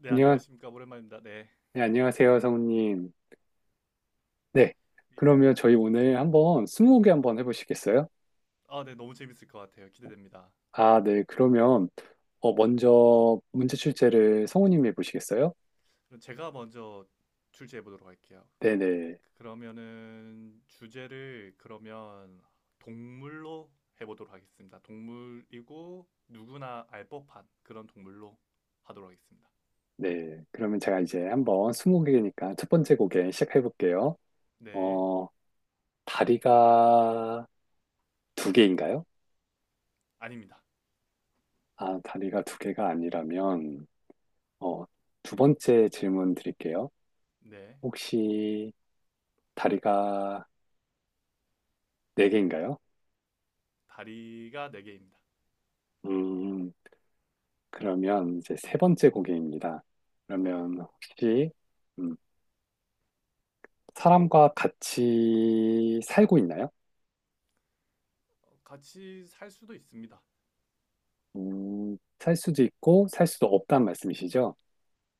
네, 안녕하, 안녕하십니까. 오랜만입니다. 네. 네, 안녕하세요, 성우님. 네, 이- 그러면 저희 오늘 한번 스무고개 한번 해보시겠어요? 아, 네, 너무 재밌을 것 같아요. 기대됩니다. 아, 네, 그러면 먼저 문제 출제를 성우님이 해보시겠어요? 그럼 제가 먼저 출제해 보도록 할게요. 네네, 네. 그러면은 주제를 그러면 동물로 해보도록 하겠습니다. 동물이고 누구나 알 법한 그런 동물로 하도록 하겠습니다. 네. 그러면 제가 이제 한번 스무고개니까 첫 번째 고개 시작해볼게요. 네, 어, 다리가 두 개인가요? 아닙니다. 아, 다리가 두 개가 아니라면 어, 두 번째 질문 드릴게요. 네, 혹시 다리가 네 개인가요? 다리가 네개입니다. 음. 그러면 이제 세 번째 고개입니다. 네, 그러면 혹시 음, 사람과 같이 살고 있나요? 어, 같이 살 수도 있습니다. 살 수도 있고 살 수도 없다는 말씀이시죠?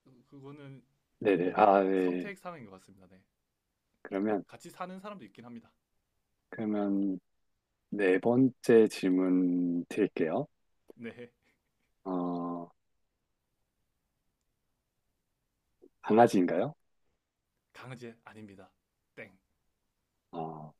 그거는 네네. 아, 뭐 네. 선택 사항인 것 같습니다. 네, 그러면 같이 사는 사람도 있긴 합니다. 그러면 네 번째 질문 드릴게요. 네. 어, 강아지인가요? 강제 아닙니다. 땡. 어,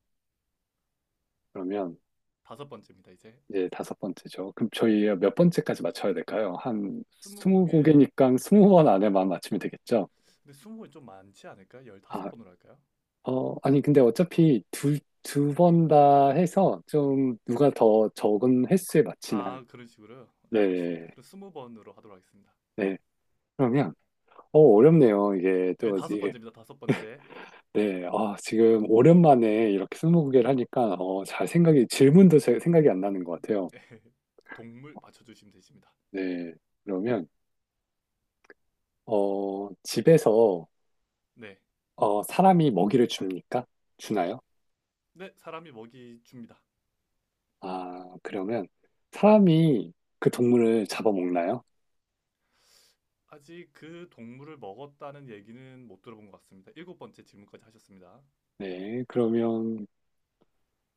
그러면 다섯 번째입니다. 이제 이제 다섯 번째죠. 그럼 저희 몇 번째까지 맞춰야 될까요? 한 스무곡 스무 개 고개니까 스무 번 안에만 맞추면 되겠죠? 근데 스무는 좀 많지 않을까? 열다섯 아, 번으로 할까요? 아니, 근데 어차피 두 번 다 해서 좀 누가 더 적은 횟수에 맞추나. 아, 그런 식으로 네, 알겠습니다. 네, 그럼 20번으로 하도록 하겠습니다. 네. 그러면, 어렵네요. 이게 네, 또, 다섯 이게, 번째입니다. 다섯 번째. 네. 아, 지금 오랜만에 이렇게 스무고개를 하니까, 잘 생각이, 질문도 잘 생각이 안 나는 것 같아요. 동물 맞춰주시면 되십니다. 네. 그러면, 집에서, 네, 사람이 먹이를 줍니까? 주나요? 네, 사람이 먹이 줍니다. 아, 그러면, 사람이 그 동물을 잡아먹나요? 아직 그 동물을 먹었다는 얘기는 못 들어본 것 같습니다. 일곱 번째 질문까지 하셨습니다. 네. 그러면,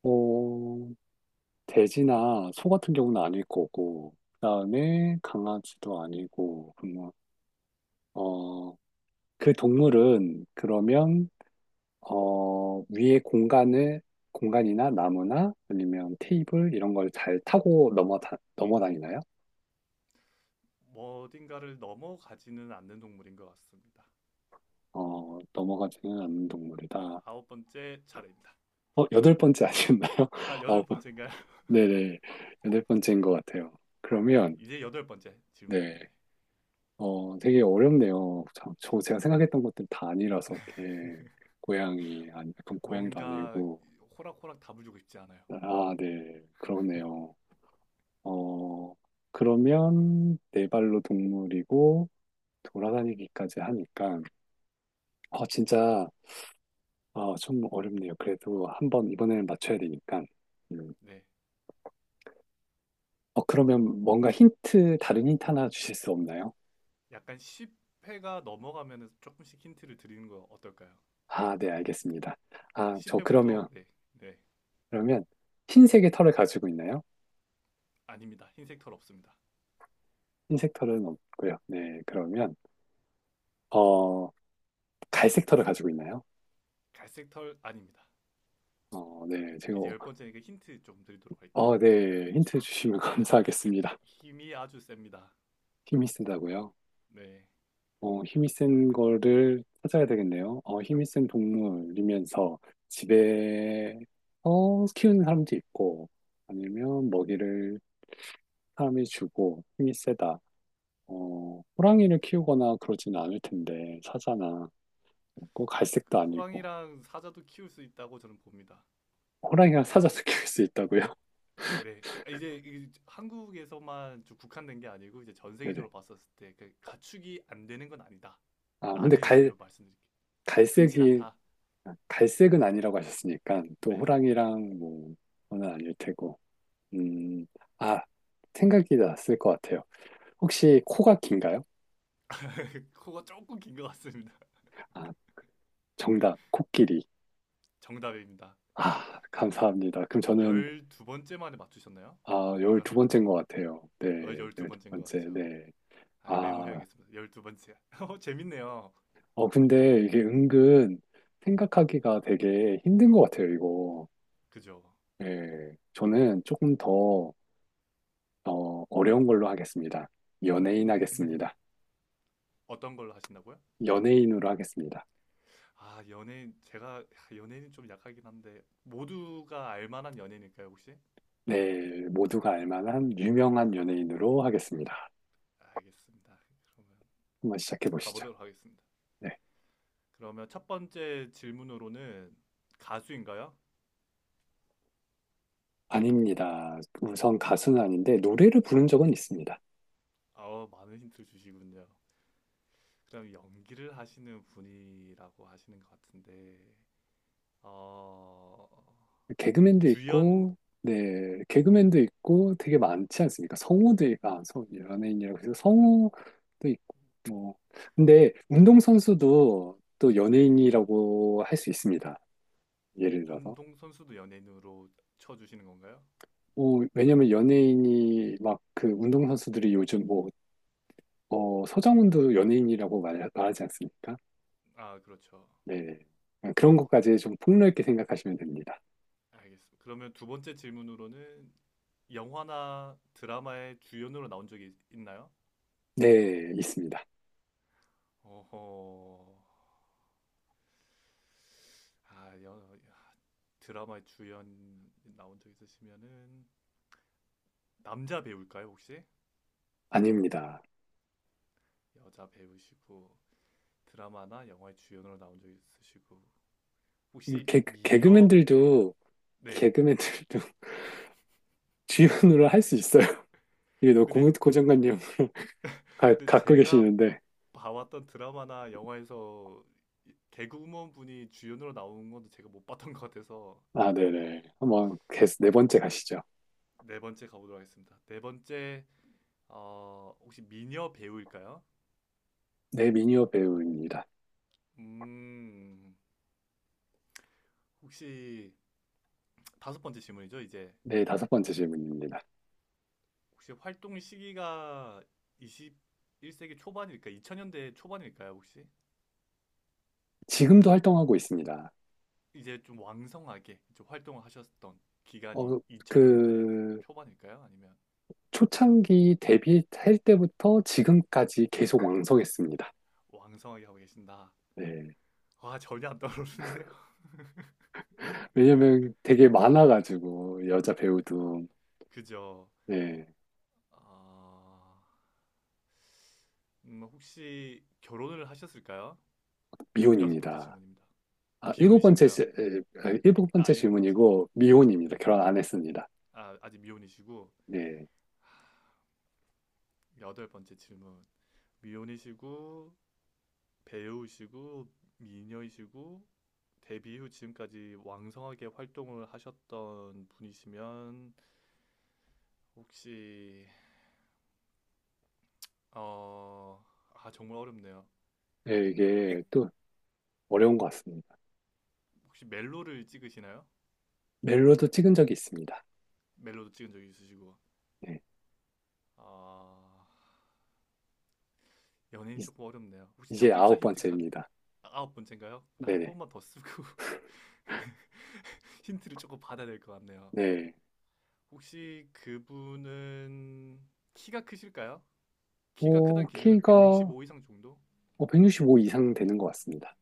어, 돼지나 소 같은 경우는 아닐 거고, 그다음에 강아지도 아니고, 그러면 어, 그 동물은 그러면 위에 공간을 공간이나 나무나 아니면 테이블 이런 걸 잘 타고 넘어 다니나요? 뭐 어딘가를 넘어가지는 않는 동물인 것 같습니다. 넘어가지는 않는 네, 동물이다. 아홉 번째 차례입니다. 여덟 번째 아었나요 아, 여덟 아, 번째인가요? 네네. 여덟 번째인 것 같아요. 네, 그러면 이제 여덟 번째 질문입니다. 네. 네. 되게 어렵네요. 참, 제가 생각했던 것들 다 아니라서 이렇게 고양이 아니 약간 고양이도 뭔가 아니고 호락호락 답을 주고 싶지 않아요. 아, 네. 그러네요. 어, 그러면 네 발로 동물이고 돌아다니기까지 하니까 진짜 좀 어렵네요. 그래도 한번 이번에는 맞춰야 되니까. 음. 네. 그러면 뭔가 힌트 다른 힌트 하나 주실 수 없나요? 약간 10회가 넘어가면 조금씩 힌트를 드리는 거 어떨까요? 아, 네, 알겠습니다. 네, 아, 저 그러면 10회부터. 네, 네. 그러면 흰색의 털을 가지고 있나요? 아닙니다. 흰색 털 없습니다. 흰 섹터는 없고요. 네, 그러면 어, 갈 섹터를 가지고 있나요? 갈색 털 아닙니다. 네, 제가 이제 10번째니까 힌트 좀 드리도록 할게요. 네, 힌트 주시면 감사하겠습니다. 힘이 아주 셉니다. 힘이 세다고요? 네. 힘이 센 거를 찾아야 되겠네요. 힘이 센 동물이면서 집에 키우는 사람도 있고 아니면 먹이를 사람이 주고 힘이 세다. 호랑이를 키우거나 그러진 않을 텐데 사자나 꼭 갈색도 그 아니고 호랑이랑 사자도 키울 수 있다고 저는 봅니다. 호랑이랑 사자도 키울 수 있다고요? 네. 아, 이제 이 한국에서만 좀 국한된 게 아니고 이제 전 네네. 세계적으로 봤었을 때 그 가축이 안 되는 건 아, 근데 아니다라는 의미로 말씀드릴게요. 흔치 갈색이, 않다. 갈색은 아니라고 하셨으니까, 또 네. 호랑이랑 뭐, 그건 아닐 테고. 음, 아, 생각이 났을 것 같아요. 혹시 코가 긴가요? 코가 조금 긴것 같습니다. 아, 정답, 코끼리. 정답입니다. 아, 감사합니다. 그럼 저는, 12번째 만에 맞추셨나요? 아, 열두 번째인 것 11번째였네. 같아요. 네, 열두 12번째인 것 번째, 같죠. 네. 아, 아, 메모해야겠습니다. 12번째. 어, 재밌네요. 근데 이게 은근 생각하기가 되게 힘든 것 같아요, 이거. 그죠? 네, 저는 조금 더, 어려운 걸로 하겠습니다. 음, 연예인 음. 하겠습니다. 어떤 걸로 하신다고요? 연예인으로 하겠습니다. 아, 연예인, 제가 연예인은 좀 약하긴 한데, 모두가 알 만한 연예인일까요, 혹시? 네, 모두가 알 만한 유명한 연예인으로 하겠습니다. 알겠습니다. 그러면 한번 시작해 보시죠. 가보도록 하겠습니다. 네. 그러면 첫 번째 질문으로는 가수인가요? 아닙니다. 우선 가수는 아닌데 노래를 부른 적은 있습니다. 아, 많은 힌트를 주시군요. 그럼 연기를 하시는 분이라고 하시는 것 같은데, 어, 개그맨도 주연, 있고, 네, 개그맨도 있고 되게 많지 않습니까? 성우도, 아, 성우, 연예인이라고 해서 성우도 있고, 뭐. 근데 운동선수도 또 네, 연예인이라고 할 수 있습니다. 예를 들어서. 운동선수도 연예인으로 쳐주시는 건가요? 왜냐면 연예인이 막 그 운동선수들이 요즘 뭐, 서정훈도 연예인이라고 말하지 않습니까? 아, 그렇죠. 네. 그런 것까지 좀 폭넓게 생각하시면 됩니다. 알겠습니다. 그러면 두 번째 질문으로는 영화나 드라마의 주연으로 나온 적이 있나요? 네, 있습니다. 어허. 아, 드라마에 주연 나온 적 있으시면은 남자 배우일까요, 혹시? 아닙니다. 여자 배우시고 드라마나 영화의 주연으로 나온 적 있으시고 음, 혹시 개, 미녀? 개그맨들도, 네. 개그맨들도 주연으로 할 수 있어요. 이게 너무 근데, 고정관념 근데 갖고 제가 계시는데. 봐왔던 드라마나 영화에서 개그우먼 분이 주연으로 나오는 건 제가 못 봤던 것 같아서. 아, 네네. 한번 네 번째 가시죠. 네 번째 가보도록 하겠습니다. 네 번째, 어, 혹시 미녀 배우일까요? 네, 미니어 배우입니다. 음, 혹시 다섯 번째 질문이죠, 이제. 네, 다섯 번째 질문입니다. 혹시 활동 시기가 21세기 초반일까? 2000년대 초반일까요, 혹시? 지금도 활동하고 있습니다. 이제 좀 왕성하게 좀 활동을 하셨던 기간이 어, 2000년대 그 초반일까요? 아니면 초창기 데뷔할 때부터 지금까지 계속 왕성했습니다. 왕성하게 하고 계신다? 네. 와, 전혀 안 떠오르는데요. 왜냐면 되게 많아가지고, 여자 배우도, 그죠? 네, 아, 혹시 결혼을 하셨을까요? 여섯 번째 미혼입니다. 질문입니다. 아, 일곱 번째, 비혼이신가요? 시- 에, 아, 일곱 아, 번째 일곱 번째. 질문이고, 미혼입니다. 네. 결혼 안 했습니다. 아, 아직 미혼이시고, 네. 여덟 번째 질문. 미혼이시고, 배우시고 미녀이시고 데뷔 후 지금까지 왕성하게 활동을 하셨던 분이시면 혹시, 어, 아, 정말 어렵네요. 네, 액 이게 또 어려운 것 같습니다. 혹시 멜로를 찍으시나요? 멜로도 찍은 적이 있습니다. 멜로도 찍은 적이 있으시고, 네. 아, 연예인 이- 조금 어렵네요. 혹시 첫 이제 글자 아홉 힌트가 번째입니다. 아홉 번째인가요? 근데 한 네네. 번만 더 쓰고 힌트를 조금 받아야 될 것 같네요. 네. 혹시 그분은 키가 크실까요? 키가 크다는 오, 기준은 키가 165 이상 정도? 165 이상 되는 것 같습니다.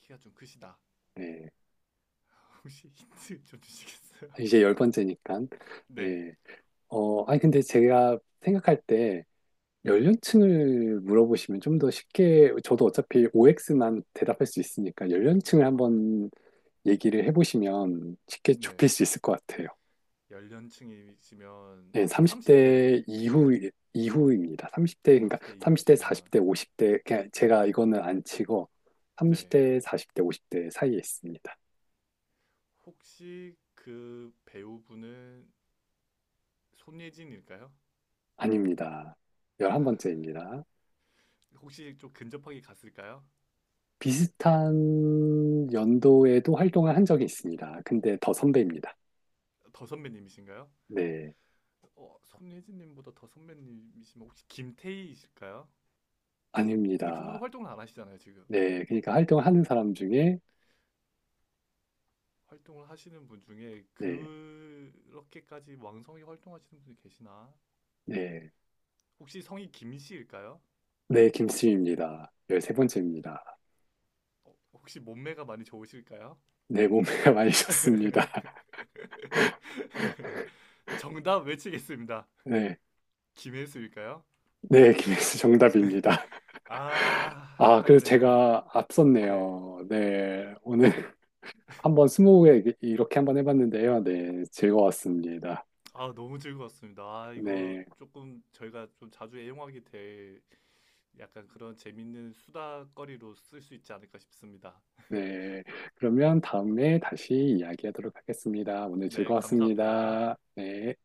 키가 좀 크시다. 네. 혹시 힌트 좀 주시겠어요? 이제 열 번째니까. 네, 네. 아니, 근데 제가 생각할 때 네, 연령층을 물어보시면 좀 더 쉽게, 저도 어차피 OX만 대답할 수 있으니까 연령층을 한번 얘기를 해보시면 쉽게 네. 좁힐 수 있을 것 같아요. 연령층이시면 네, 30대, 30대 이후입니다. 30대, 그러니까 30대 30대, 이후시면. 40대, 50대, 그냥 제가 이거는 안 치고 네. 30대, 40대, 50대 사이에 있습니다. 혹시 그 배우분은 손예진일까요? 아닙니다. 하, 11번째입니다. 혹시 좀 근접하게 갔을까요? 비슷한 연도에도 활동을 한 적이 있습니다. 근데 더 선배입니다. 더 선배님이신가요? 네, 손예진님보다 더 선배님이시면 혹시 김태희이실까요? 근데 그분은 아닙니다. 활동을 안 하시잖아요, 지금. 네, 그러니까 활동을 하는 사람 중에 활동을 하시는 분 중에 네, 그렇게까지 왕성히 활동하시는 분이 계시나? 네, 혹시 성이 김씨일까요? 네, 김씨입니다. 13번째입니다. 혹시 몸매가 많이 좋으실까요? 네, 몸매가 많이 좋습니다. 정답 외치겠습니다. 네, 김혜수일까요? 네, 김혜수 정답입니다. 아, 아, 그래서 아깝네요. 제가 네. 앞섰네요. 네, 오늘 한번 스무고개 이렇게 한번 해봤는데요. 네, 즐거웠습니다. 아, 너무 즐거웠습니다. 아, 이거 네, 조금 저희가 좀 자주 애용하게 될 약간 그런 재밌는 수다거리로 쓸 수 있지 않을까 싶습니다. 네, 그러면 다음에 다시 이야기하도록 하겠습니다. 오늘 네, 감사합니다. 즐거웠습니다. 네.